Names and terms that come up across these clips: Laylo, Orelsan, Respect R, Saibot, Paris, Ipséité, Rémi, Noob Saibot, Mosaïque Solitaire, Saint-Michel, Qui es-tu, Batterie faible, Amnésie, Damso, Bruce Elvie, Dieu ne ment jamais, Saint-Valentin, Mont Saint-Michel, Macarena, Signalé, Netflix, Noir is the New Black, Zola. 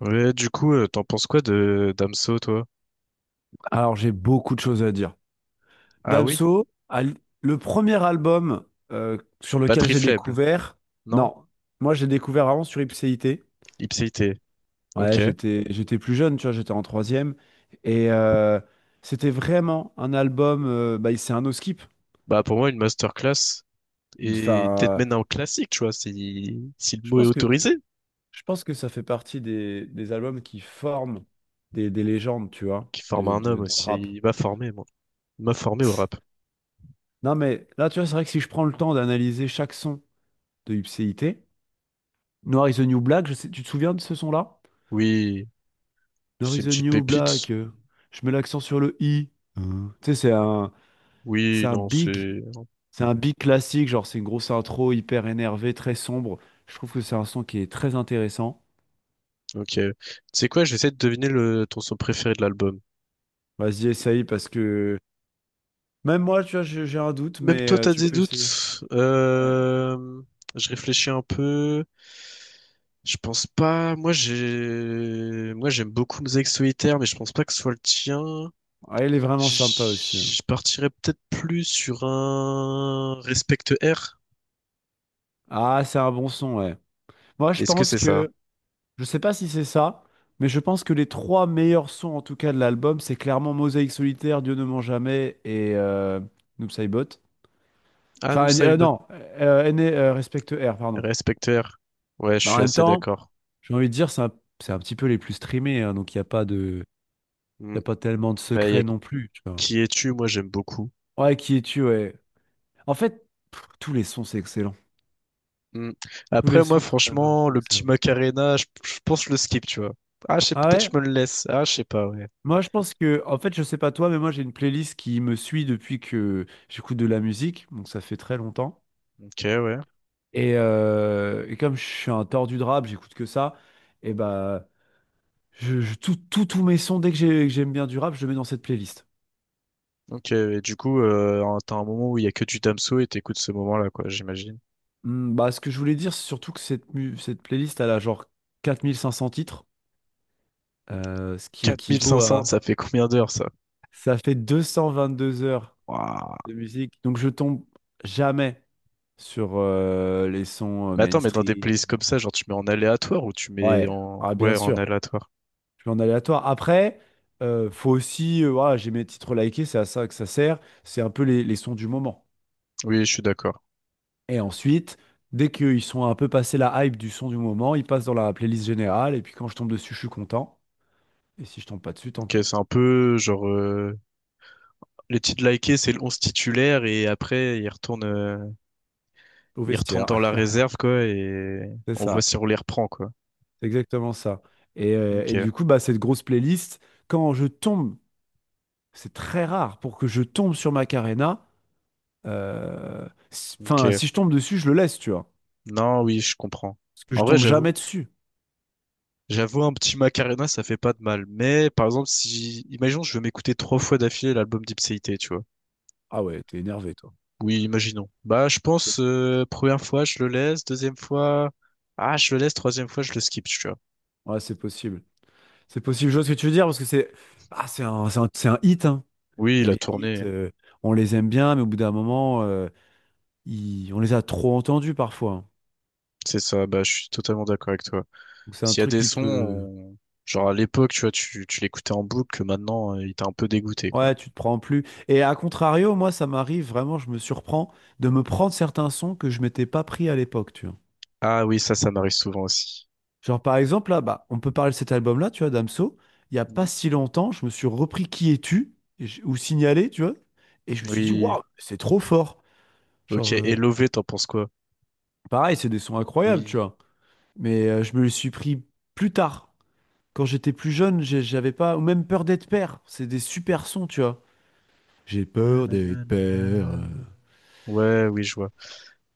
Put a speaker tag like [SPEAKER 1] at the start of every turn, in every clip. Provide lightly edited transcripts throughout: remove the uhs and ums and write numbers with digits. [SPEAKER 1] Ouais, du coup, t'en penses quoi de Damso, toi?
[SPEAKER 2] Alors, j'ai beaucoup de choses à dire.
[SPEAKER 1] Ah oui?
[SPEAKER 2] Damso, le premier album sur lequel
[SPEAKER 1] Batterie
[SPEAKER 2] j'ai
[SPEAKER 1] faible.
[SPEAKER 2] découvert.
[SPEAKER 1] Non?
[SPEAKER 2] Non, moi j'ai découvert avant sur Ipséité.
[SPEAKER 1] Ipséité.
[SPEAKER 2] Ouais,
[SPEAKER 1] Ok.
[SPEAKER 2] j'étais plus jeune, tu vois, j'étais en troisième. Et c'était vraiment un album, bah, c'est un no skip.
[SPEAKER 1] Bah, pour moi, une masterclass et peut-être
[SPEAKER 2] Enfin,
[SPEAKER 1] même un classique, tu vois, si le
[SPEAKER 2] je
[SPEAKER 1] mot est
[SPEAKER 2] pense que,
[SPEAKER 1] autorisé,
[SPEAKER 2] je pense que ça fait partie des albums qui forment des légendes, tu vois,
[SPEAKER 1] qui forme un homme
[SPEAKER 2] dans le
[SPEAKER 1] aussi.
[SPEAKER 2] rap.
[SPEAKER 1] Il m'a formé, moi. Il m'a formé au rap.
[SPEAKER 2] Non, mais là, tu vois, c'est vrai que si je prends le temps d'analyser chaque son de Ipséité. Noir is the New Black, tu te souviens de ce son-là?
[SPEAKER 1] Oui,
[SPEAKER 2] Noir
[SPEAKER 1] c'est
[SPEAKER 2] is
[SPEAKER 1] une
[SPEAKER 2] the
[SPEAKER 1] petite
[SPEAKER 2] New
[SPEAKER 1] pépite.
[SPEAKER 2] Black, je mets l'accent sur le i. Hein. Tu sais, c'est
[SPEAKER 1] Oui,
[SPEAKER 2] un
[SPEAKER 1] non,
[SPEAKER 2] big,
[SPEAKER 1] c'est...
[SPEAKER 2] c'est un big classique, genre c'est une grosse intro hyper énervée, très sombre. Je trouve que c'est un son qui est très intéressant.
[SPEAKER 1] Ok. Tu sais quoi, je vais essayer de deviner le... ton son préféré de l'album.
[SPEAKER 2] Vas-y, essaye parce que même moi, tu vois, j'ai un doute,
[SPEAKER 1] Même
[SPEAKER 2] mais
[SPEAKER 1] toi, t'as
[SPEAKER 2] tu
[SPEAKER 1] des
[SPEAKER 2] peux essayer.
[SPEAKER 1] doutes.
[SPEAKER 2] Ouais.
[SPEAKER 1] Je réfléchis un peu. Je pense pas. Moi, moi, j'aime beaucoup Mosaïque Solitaire, mais je pense pas que ce soit le tien.
[SPEAKER 2] Ouais, il est vraiment sympa aussi, hein.
[SPEAKER 1] Je partirais peut-être plus sur un Respect R.
[SPEAKER 2] Ah, c'est un bon son, ouais. Moi, je
[SPEAKER 1] Est-ce que
[SPEAKER 2] pense
[SPEAKER 1] c'est ça?
[SPEAKER 2] que Je sais pas si c'est ça, mais je pense que les trois meilleurs sons en tout cas de l'album, c'est clairement Mosaïque Solitaire, Dieu ne ment jamais et Noob Saibot.
[SPEAKER 1] Ah, nous
[SPEAKER 2] Enfin,
[SPEAKER 1] ça
[SPEAKER 2] euh,
[SPEAKER 1] Saibot.
[SPEAKER 2] non, euh, N- euh, Respect R, pardon.
[SPEAKER 1] Respect R. Ouais, je
[SPEAKER 2] Bah, en
[SPEAKER 1] suis
[SPEAKER 2] même
[SPEAKER 1] assez
[SPEAKER 2] temps,
[SPEAKER 1] d'accord.
[SPEAKER 2] j'ai envie de dire, c'est un petit peu les plus streamés, hein, donc il n'y a pas de, y
[SPEAKER 1] Hmm.
[SPEAKER 2] a pas tellement de
[SPEAKER 1] Bah, y
[SPEAKER 2] secrets
[SPEAKER 1] a
[SPEAKER 2] non plus, tu vois.
[SPEAKER 1] Qui es-tu? Moi, j'aime beaucoup.
[SPEAKER 2] Ouais, qui es-tu, ouais. En fait, pff, tous les sons, c'est excellent.
[SPEAKER 1] Mm.
[SPEAKER 2] Tous les
[SPEAKER 1] Après, moi,
[SPEAKER 2] sons de cet album
[SPEAKER 1] franchement,
[SPEAKER 2] sont
[SPEAKER 1] le petit
[SPEAKER 2] excellents.
[SPEAKER 1] Macarena, je pense que je le skip, tu vois. Ah, je sais,
[SPEAKER 2] Ah
[SPEAKER 1] peut-être
[SPEAKER 2] ouais?
[SPEAKER 1] je me le laisse. Ah, je sais pas, ouais.
[SPEAKER 2] Moi, je pense que, en fait, je sais pas toi, mais moi, j'ai une playlist qui me suit depuis que j'écoute de la musique, donc ça fait très longtemps.
[SPEAKER 1] Ok, ouais.
[SPEAKER 2] Et, comme je suis un tordu de rap, j'écoute que ça, et bah, tous mes sons, que j'aime bien du rap, je le mets dans cette playlist.
[SPEAKER 1] Ok, et du coup, t'as un moment où il y a que du Damso et t'écoutes ce moment-là, quoi, j'imagine.
[SPEAKER 2] Hmm, bah, ce que je voulais dire, c'est surtout que cette playlist, elle a genre 4 500 titres, ce qui
[SPEAKER 1] Quatre mille cinq
[SPEAKER 2] équivaut
[SPEAKER 1] cents
[SPEAKER 2] à...
[SPEAKER 1] ça fait combien d'heures, ça?
[SPEAKER 2] Ça fait 222 heures
[SPEAKER 1] Waouh.
[SPEAKER 2] de musique, donc je tombe jamais sur les sons
[SPEAKER 1] Mais attends, mais dans des
[SPEAKER 2] mainstream.
[SPEAKER 1] playlists comme ça, genre, tu mets en aléatoire ou tu mets
[SPEAKER 2] Ouais,
[SPEAKER 1] en...
[SPEAKER 2] ah, bien
[SPEAKER 1] Ouais, en
[SPEAKER 2] sûr,
[SPEAKER 1] aléatoire.
[SPEAKER 2] je suis en aléatoire. Après, faut aussi, voilà, j'ai mes titres likés, c'est à ça que ça sert. C'est un peu les sons du moment.
[SPEAKER 1] Oui, je suis d'accord.
[SPEAKER 2] Et ensuite, dès qu'ils sont un peu passés la hype du son du moment, ils passent dans la playlist générale. Et puis quand je tombe dessus, je suis content. Et si je tombe pas dessus, tant
[SPEAKER 1] Ok,
[SPEAKER 2] pis.
[SPEAKER 1] c'est un peu, les titres likés, c'est le 11 titulaire et après,
[SPEAKER 2] Au
[SPEAKER 1] ils retournent dans
[SPEAKER 2] vestiaire.
[SPEAKER 1] la réserve, quoi, et
[SPEAKER 2] C'est
[SPEAKER 1] on voit
[SPEAKER 2] ça,
[SPEAKER 1] si on les reprend, quoi.
[SPEAKER 2] c'est exactement ça. Et,
[SPEAKER 1] Ok,
[SPEAKER 2] du coup, bah, cette grosse playlist, quand je tombe, c'est très rare pour que je tombe sur Macarena. Enfin,
[SPEAKER 1] ok.
[SPEAKER 2] si je tombe dessus, je le laisse, tu vois.
[SPEAKER 1] Non, oui, je comprends.
[SPEAKER 2] Parce que
[SPEAKER 1] En
[SPEAKER 2] je
[SPEAKER 1] vrai,
[SPEAKER 2] tombe
[SPEAKER 1] j'avoue.
[SPEAKER 2] jamais dessus.
[SPEAKER 1] J'avoue, un petit Macarena, ça fait pas de mal. Mais, par exemple, si, imaginons, je veux m'écouter trois fois d'affilée l'album d'Ipséité, tu vois.
[SPEAKER 2] Ah ouais, t'es énervé, toi.
[SPEAKER 1] Oui, imaginons. Bah, je
[SPEAKER 2] Ok.
[SPEAKER 1] pense, première fois, je le laisse, deuxième fois, ah, je le laisse, troisième fois, je le skip, tu vois.
[SPEAKER 2] Ouais, c'est possible. C'est possible, je vois ce que tu veux dire, parce que c'est ah, c'est un hit, hein.
[SPEAKER 1] Oui,
[SPEAKER 2] Et
[SPEAKER 1] la
[SPEAKER 2] les hits,
[SPEAKER 1] tournée,
[SPEAKER 2] on les aime bien, mais au bout d'un moment, on les a trop entendus parfois, hein.
[SPEAKER 1] c'est ça, bah, je suis totalement d'accord avec toi.
[SPEAKER 2] Donc c'est un
[SPEAKER 1] S'il y a
[SPEAKER 2] truc
[SPEAKER 1] des
[SPEAKER 2] qui
[SPEAKER 1] sons,
[SPEAKER 2] peut...
[SPEAKER 1] on- genre à l'époque, tu vois, tu l'écoutais en boucle, maintenant, il t'a un peu dégoûté, quoi.
[SPEAKER 2] Ouais, tu te prends plus. Et à contrario, moi, ça m'arrive vraiment, je me surprends de me prendre certains sons que je m'étais pas pris à l'époque, tu vois.
[SPEAKER 1] Ah oui, ça m'arrive souvent aussi.
[SPEAKER 2] Genre, par exemple, là, bah, on peut parler de cet album-là, tu vois, Damso. Il y a pas
[SPEAKER 1] Mhm.
[SPEAKER 2] si longtemps, je me suis repris Qui es-tu? Ou Signalé, tu vois. Et je me suis dit,
[SPEAKER 1] Oui.
[SPEAKER 2] waouh, c'est trop fort.
[SPEAKER 1] Ok.
[SPEAKER 2] Genre,
[SPEAKER 1] Et Lové, t'en penses quoi?
[SPEAKER 2] pareil, c'est des sons incroyables, tu
[SPEAKER 1] Oui.
[SPEAKER 2] vois. Mais je me les suis pris plus tard. Quand j'étais plus jeune, j'avais pas, ou même peur d'être père. C'est des super sons, tu vois. J'ai peur d'être père.
[SPEAKER 1] Nananana. Ouais, oui, je vois.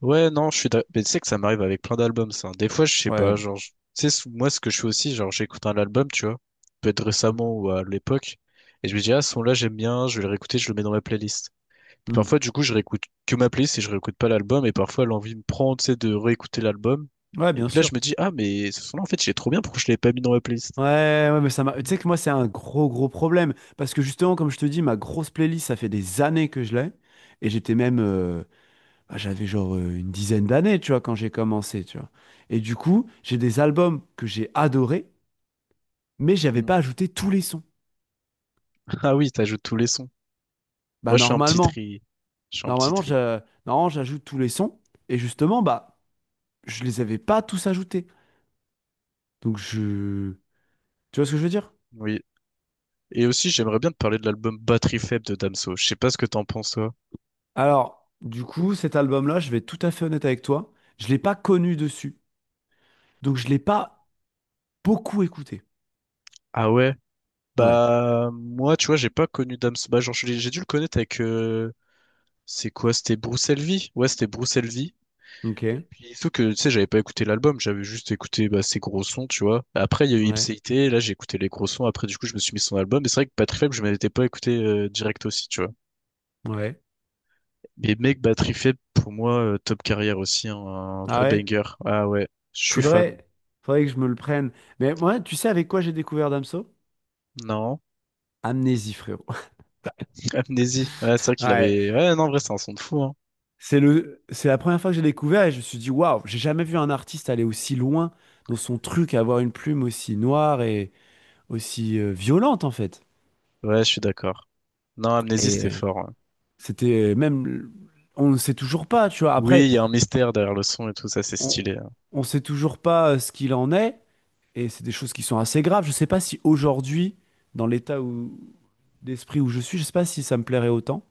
[SPEAKER 1] Ouais, non, je suis d'ac- Mais tu sais que ça m'arrive avec plein d'albums, ça, hein. Des fois, je sais
[SPEAKER 2] Ouais.
[SPEAKER 1] pas, tu sais, moi, ce que je fais aussi, genre, j'écoute un album, tu vois, peut-être récemment ou à l'époque, et je me dis, ah, ce son-là, j'aime bien, je vais le réécouter, je le mets dans ma playlist.
[SPEAKER 2] Hmm.
[SPEAKER 1] Parfois, du coup, je réécoute que ma playlist et je réécoute pas l'album. Et parfois, l'envie me prend, tu sais, de réécouter l'album.
[SPEAKER 2] Ouais,
[SPEAKER 1] Et
[SPEAKER 2] bien
[SPEAKER 1] puis là,
[SPEAKER 2] sûr.
[SPEAKER 1] je me dis, ah, mais ce son-là, en fait, il est trop bien. Pourquoi je l'avais pas mis dans ma playlist?
[SPEAKER 2] Ouais, ouais, mais ça m'a. Tu sais que moi, c'est un gros, gros problème. Parce que justement, comme je te dis, ma grosse playlist, ça fait des années que je l'ai. Et j'étais même, bah, j'avais genre une dizaine d'années, tu vois, quand j'ai commencé, tu vois. Et du coup, j'ai des albums que j'ai adorés, mais j'avais
[SPEAKER 1] Mm.
[SPEAKER 2] pas ajouté tous les sons.
[SPEAKER 1] Ah oui, t'ajoutes tous les sons.
[SPEAKER 2] Bah
[SPEAKER 1] Moi, je fais un petit tri. Je fais un petit
[SPEAKER 2] normalement,
[SPEAKER 1] tri.
[SPEAKER 2] je, normalement, j'ajoute tous les sons et justement, bah je les avais pas tous ajoutés. Donc tu vois ce que je veux dire?
[SPEAKER 1] Oui. Et aussi, j'aimerais bien te parler de l'album Batterie faible de Damso. Je sais pas ce que t'en penses, toi.
[SPEAKER 2] Alors du coup, cet album-là, je vais être tout à fait honnête avec toi, je l'ai pas connu dessus, donc je l'ai pas beaucoup écouté.
[SPEAKER 1] Ah ouais?
[SPEAKER 2] Ouais.
[SPEAKER 1] Bah, moi, tu vois, j'ai pas connu Damso. Bah, genre, j'ai dû le connaître avec, c'est quoi? C'était Bruce Elvie? Ouais, c'était Bruce.
[SPEAKER 2] Ok.
[SPEAKER 1] Et puis, sauf que, tu sais, j'avais pas écouté l'album, j'avais juste écouté bah, ses gros sons, tu vois. Après, il y a eu
[SPEAKER 2] Ouais.
[SPEAKER 1] Ipséité, là, j'ai écouté les gros sons, après, du coup, je me suis mis son album. Et c'est vrai que Battery Faible, je m'étais pas écouté direct aussi, tu vois.
[SPEAKER 2] Ouais.
[SPEAKER 1] Mais mec, Battery Faible, pour moi, top carrière aussi, hein, un
[SPEAKER 2] Ah
[SPEAKER 1] vrai
[SPEAKER 2] ouais.
[SPEAKER 1] banger. Ah ouais, je suis fan.
[SPEAKER 2] Faudrait, Faudrait que je me le prenne. Mais moi, tu sais avec quoi j'ai découvert Damso?
[SPEAKER 1] Non,
[SPEAKER 2] Amnésie, frérot.
[SPEAKER 1] Amnésie. Ouais, c'est vrai qu'il
[SPEAKER 2] Ouais.
[SPEAKER 1] avait... Ouais, non, en vrai, c'est un son de fou, hein.
[SPEAKER 2] C'est la première fois que j'ai découvert et je me suis dit, waouh, j'ai jamais vu un artiste aller aussi loin dans son truc, avoir une plume aussi noire et aussi violente en fait.
[SPEAKER 1] Ouais, je suis d'accord. Non, Amnésie,
[SPEAKER 2] Et
[SPEAKER 1] c'était fort, ouais.
[SPEAKER 2] c'était même, on ne sait toujours pas, tu vois.
[SPEAKER 1] Oui,
[SPEAKER 2] Après,
[SPEAKER 1] il y a un mystère derrière le son et tout ça, c'est
[SPEAKER 2] on
[SPEAKER 1] stylé, hein.
[SPEAKER 2] ne sait toujours pas ce qu'il en est et c'est des choses qui sont assez graves. Je ne sais pas si aujourd'hui, dans l'état où, d'esprit où je suis, je ne sais pas si ça me plairait autant.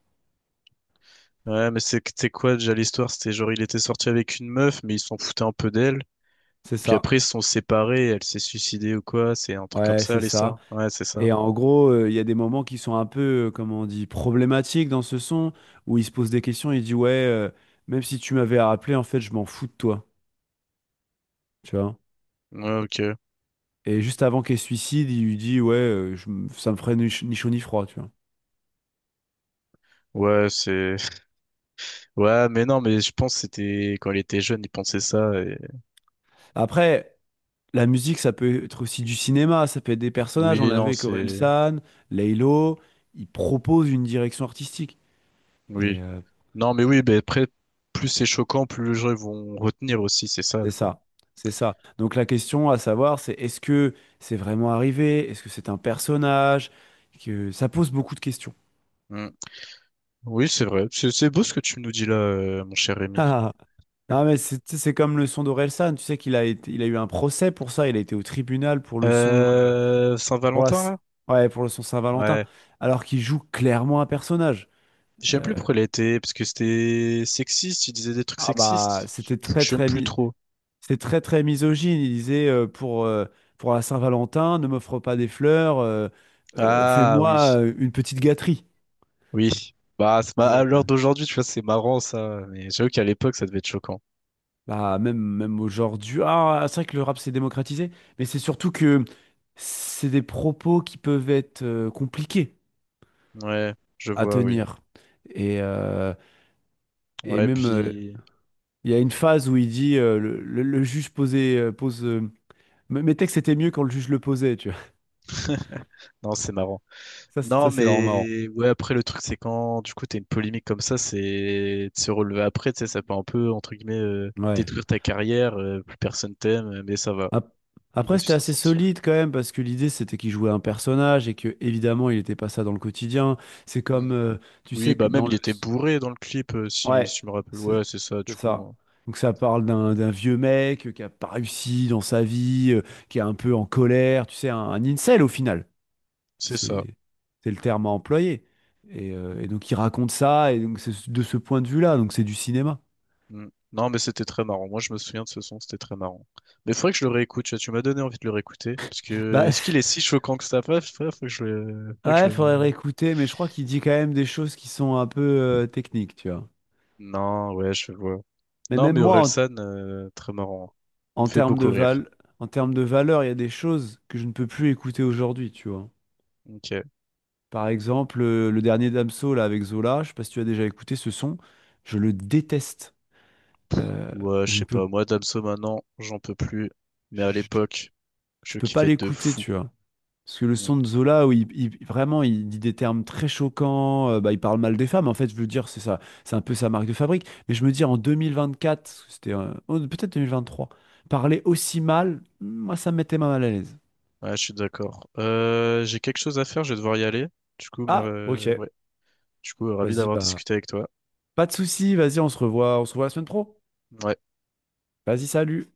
[SPEAKER 1] Ouais, mais c'est quoi déjà l'histoire? C'était genre il était sorti avec une meuf, mais il s'en foutait un peu d'elle.
[SPEAKER 2] C'est
[SPEAKER 1] Et puis
[SPEAKER 2] ça.
[SPEAKER 1] après, ils se sont séparés, elle s'est suicidée ou quoi, c'est un truc comme
[SPEAKER 2] Ouais,
[SPEAKER 1] ça,
[SPEAKER 2] c'est ça.
[SPEAKER 1] l'histoire. Ouais, c'est ça.
[SPEAKER 2] Et en gros, il y a des moments qui sont un peu, comment on dit, problématiques dans ce son, où il se pose des questions, il dit, ouais, même si tu m'avais rappelé, en fait, je m'en fous de toi, tu vois.
[SPEAKER 1] Ouais, ok.
[SPEAKER 2] Et juste avant qu'il se suicide, il lui dit, ouais, ça me ferait ni chaud ni froid, tu vois.
[SPEAKER 1] Ouais, c'est... Ouais, mais non, mais je pense que c'était... Quand il était jeune, il pensait ça. Et...
[SPEAKER 2] Après, la musique, ça peut être aussi du cinéma, ça peut être des personnages, on
[SPEAKER 1] Oui,
[SPEAKER 2] l'a vu
[SPEAKER 1] non,
[SPEAKER 2] avec
[SPEAKER 1] c'est...
[SPEAKER 2] Orelsan, Laylo, ils proposent une direction artistique.
[SPEAKER 1] Oui.
[SPEAKER 2] Et euh,
[SPEAKER 1] Non, mais oui, ben après, plus c'est choquant, plus les gens vont retenir aussi, c'est ça,
[SPEAKER 2] C'est
[SPEAKER 1] quoi.
[SPEAKER 2] ça, c'est ça. Donc la question à savoir, c'est est-ce que c'est vraiment arrivé? Est-ce que c'est un personnage? Que ça pose beaucoup de questions.
[SPEAKER 1] Mm. Oui, c'est vrai. C'est beau ce que tu nous dis là, mon cher Rémi.
[SPEAKER 2] Ah, non, mais c'est tu sais, c'est comme le son d'Orelsan. Tu sais il a eu un procès pour ça. Il a été au tribunal pour le son, pour la,
[SPEAKER 1] Saint-Valentin,
[SPEAKER 2] s-
[SPEAKER 1] là?
[SPEAKER 2] ouais, pour le son Saint-Valentin,
[SPEAKER 1] Ouais.
[SPEAKER 2] alors qu'il joue clairement un personnage.
[SPEAKER 1] J'aime plus
[SPEAKER 2] Euh,
[SPEAKER 1] pourquoi il a été, parce que c'était sexiste, il disait des trucs
[SPEAKER 2] ah bah,
[SPEAKER 1] sexistes.
[SPEAKER 2] c'était
[SPEAKER 1] J'aime plus trop.
[SPEAKER 2] c'est très très misogyne. Il disait pour la Saint-Valentin, ne m'offre pas des fleurs,
[SPEAKER 1] Ah
[SPEAKER 2] fais-moi
[SPEAKER 1] oui.
[SPEAKER 2] une petite gâterie.
[SPEAKER 1] Oui, bah à
[SPEAKER 2] Et
[SPEAKER 1] l'heure d'aujourd'hui, tu vois, c'est marrant ça, mais j'avoue qu'à l'époque, ça devait être choquant.
[SPEAKER 2] bah même aujourd'hui, ah c'est vrai que le rap s'est démocratisé, mais c'est surtout que c'est des propos qui peuvent être compliqués
[SPEAKER 1] Ouais, je
[SPEAKER 2] à
[SPEAKER 1] vois, oui.
[SPEAKER 2] tenir. Et euh, et
[SPEAKER 1] Ouais,
[SPEAKER 2] même euh,
[SPEAKER 1] puis
[SPEAKER 2] il y a une phase où il dit le juge posait pose mes textes étaient mieux quand le juge le posait, tu vois.
[SPEAKER 1] non, c'est marrant. Non,
[SPEAKER 2] Ça c'est vraiment marrant.
[SPEAKER 1] mais ouais, après le truc, c'est quand du coup t'as une polémique comme ça, c'est de se relever après, tu sais, ça peut un peu entre guillemets
[SPEAKER 2] Ouais.
[SPEAKER 1] détruire ta carrière, plus personne t'aime, mais ça va.
[SPEAKER 2] Ap-
[SPEAKER 1] Il a
[SPEAKER 2] Après
[SPEAKER 1] su
[SPEAKER 2] c'était
[SPEAKER 1] s'en
[SPEAKER 2] assez
[SPEAKER 1] sortir.
[SPEAKER 2] solide quand même parce que l'idée c'était qu'il jouait un personnage et que évidemment il n'était pas ça dans le quotidien. C'est comme
[SPEAKER 1] Mm.
[SPEAKER 2] tu
[SPEAKER 1] Oui,
[SPEAKER 2] sais que
[SPEAKER 1] bah même
[SPEAKER 2] dans
[SPEAKER 1] il
[SPEAKER 2] le.
[SPEAKER 1] était bourré dans le clip,
[SPEAKER 2] Ouais,
[SPEAKER 1] si je me rappelle.
[SPEAKER 2] c'est
[SPEAKER 1] Ouais, c'est ça,
[SPEAKER 2] c'est
[SPEAKER 1] du coup,
[SPEAKER 2] ça.
[SPEAKER 1] hein.
[SPEAKER 2] Donc ça parle d'un vieux mec qui a pas réussi dans sa vie, qui est un peu en colère, tu sais, un incel au final.
[SPEAKER 1] C'est ça.
[SPEAKER 2] C'est c'est le terme à employer. Et, donc il raconte ça, et donc c'est de ce point de vue-là, donc c'est du cinéma.
[SPEAKER 1] Mm. Non, mais c'était très marrant. Moi, je me souviens de ce son, c'était très marrant. Mais faudrait que je le réécoute, tu vois, tu m'as donné envie de le réécouter. Parce que,
[SPEAKER 2] Bah
[SPEAKER 1] est-ce qu'il est si choquant que ça? Bref, faudrait que je le... faudrait que je
[SPEAKER 2] ouais, faudrait le
[SPEAKER 1] le...
[SPEAKER 2] réécouter, mais je crois qu'il dit quand même des choses qui sont un peu techniques, tu vois.
[SPEAKER 1] Non, ouais, je vois.
[SPEAKER 2] Mais
[SPEAKER 1] Non,
[SPEAKER 2] même
[SPEAKER 1] mais
[SPEAKER 2] moi,
[SPEAKER 1] Orelsan, très marrant. Il
[SPEAKER 2] en,
[SPEAKER 1] me
[SPEAKER 2] en
[SPEAKER 1] fait
[SPEAKER 2] termes de
[SPEAKER 1] beaucoup rire.
[SPEAKER 2] val, en termes de valeur, il y a des choses que je ne peux plus écouter aujourd'hui, tu vois.
[SPEAKER 1] Ok.
[SPEAKER 2] Par exemple, le dernier Damso là avec Zola, je sais pas si tu as déjà écouté ce son, je le déteste. Euh,
[SPEAKER 1] Ouais, je
[SPEAKER 2] je ne
[SPEAKER 1] sais
[SPEAKER 2] peux,
[SPEAKER 1] pas. Moi, Damso, maintenant, j'en peux plus. Mais à
[SPEAKER 2] je, je-
[SPEAKER 1] l'époque,
[SPEAKER 2] je
[SPEAKER 1] je
[SPEAKER 2] peux pas
[SPEAKER 1] kiffais de
[SPEAKER 2] l'écouter,
[SPEAKER 1] fou.
[SPEAKER 2] tu vois. Parce que le
[SPEAKER 1] Mm.
[SPEAKER 2] son de Zola, où vraiment, il dit des termes très choquants, bah, il parle mal des femmes, en fait, je veux dire, c'est ça, c'est un peu sa marque de fabrique. Mais je me dis, en 2024, parce que c'était oh, peut-être 2023, parler aussi mal, moi, ça me mettait mal à l'aise.
[SPEAKER 1] Ouais, je suis d'accord. J'ai quelque chose à faire, je vais devoir y aller. Du coup, mais
[SPEAKER 2] Ah, ok,
[SPEAKER 1] ouais. Du coup, ravi
[SPEAKER 2] vas-y,
[SPEAKER 1] d'avoir
[SPEAKER 2] bah,
[SPEAKER 1] discuté avec toi.
[SPEAKER 2] pas de souci, vas-y, on se revoit la semaine pro.
[SPEAKER 1] Ouais.
[SPEAKER 2] Vas-y, salut.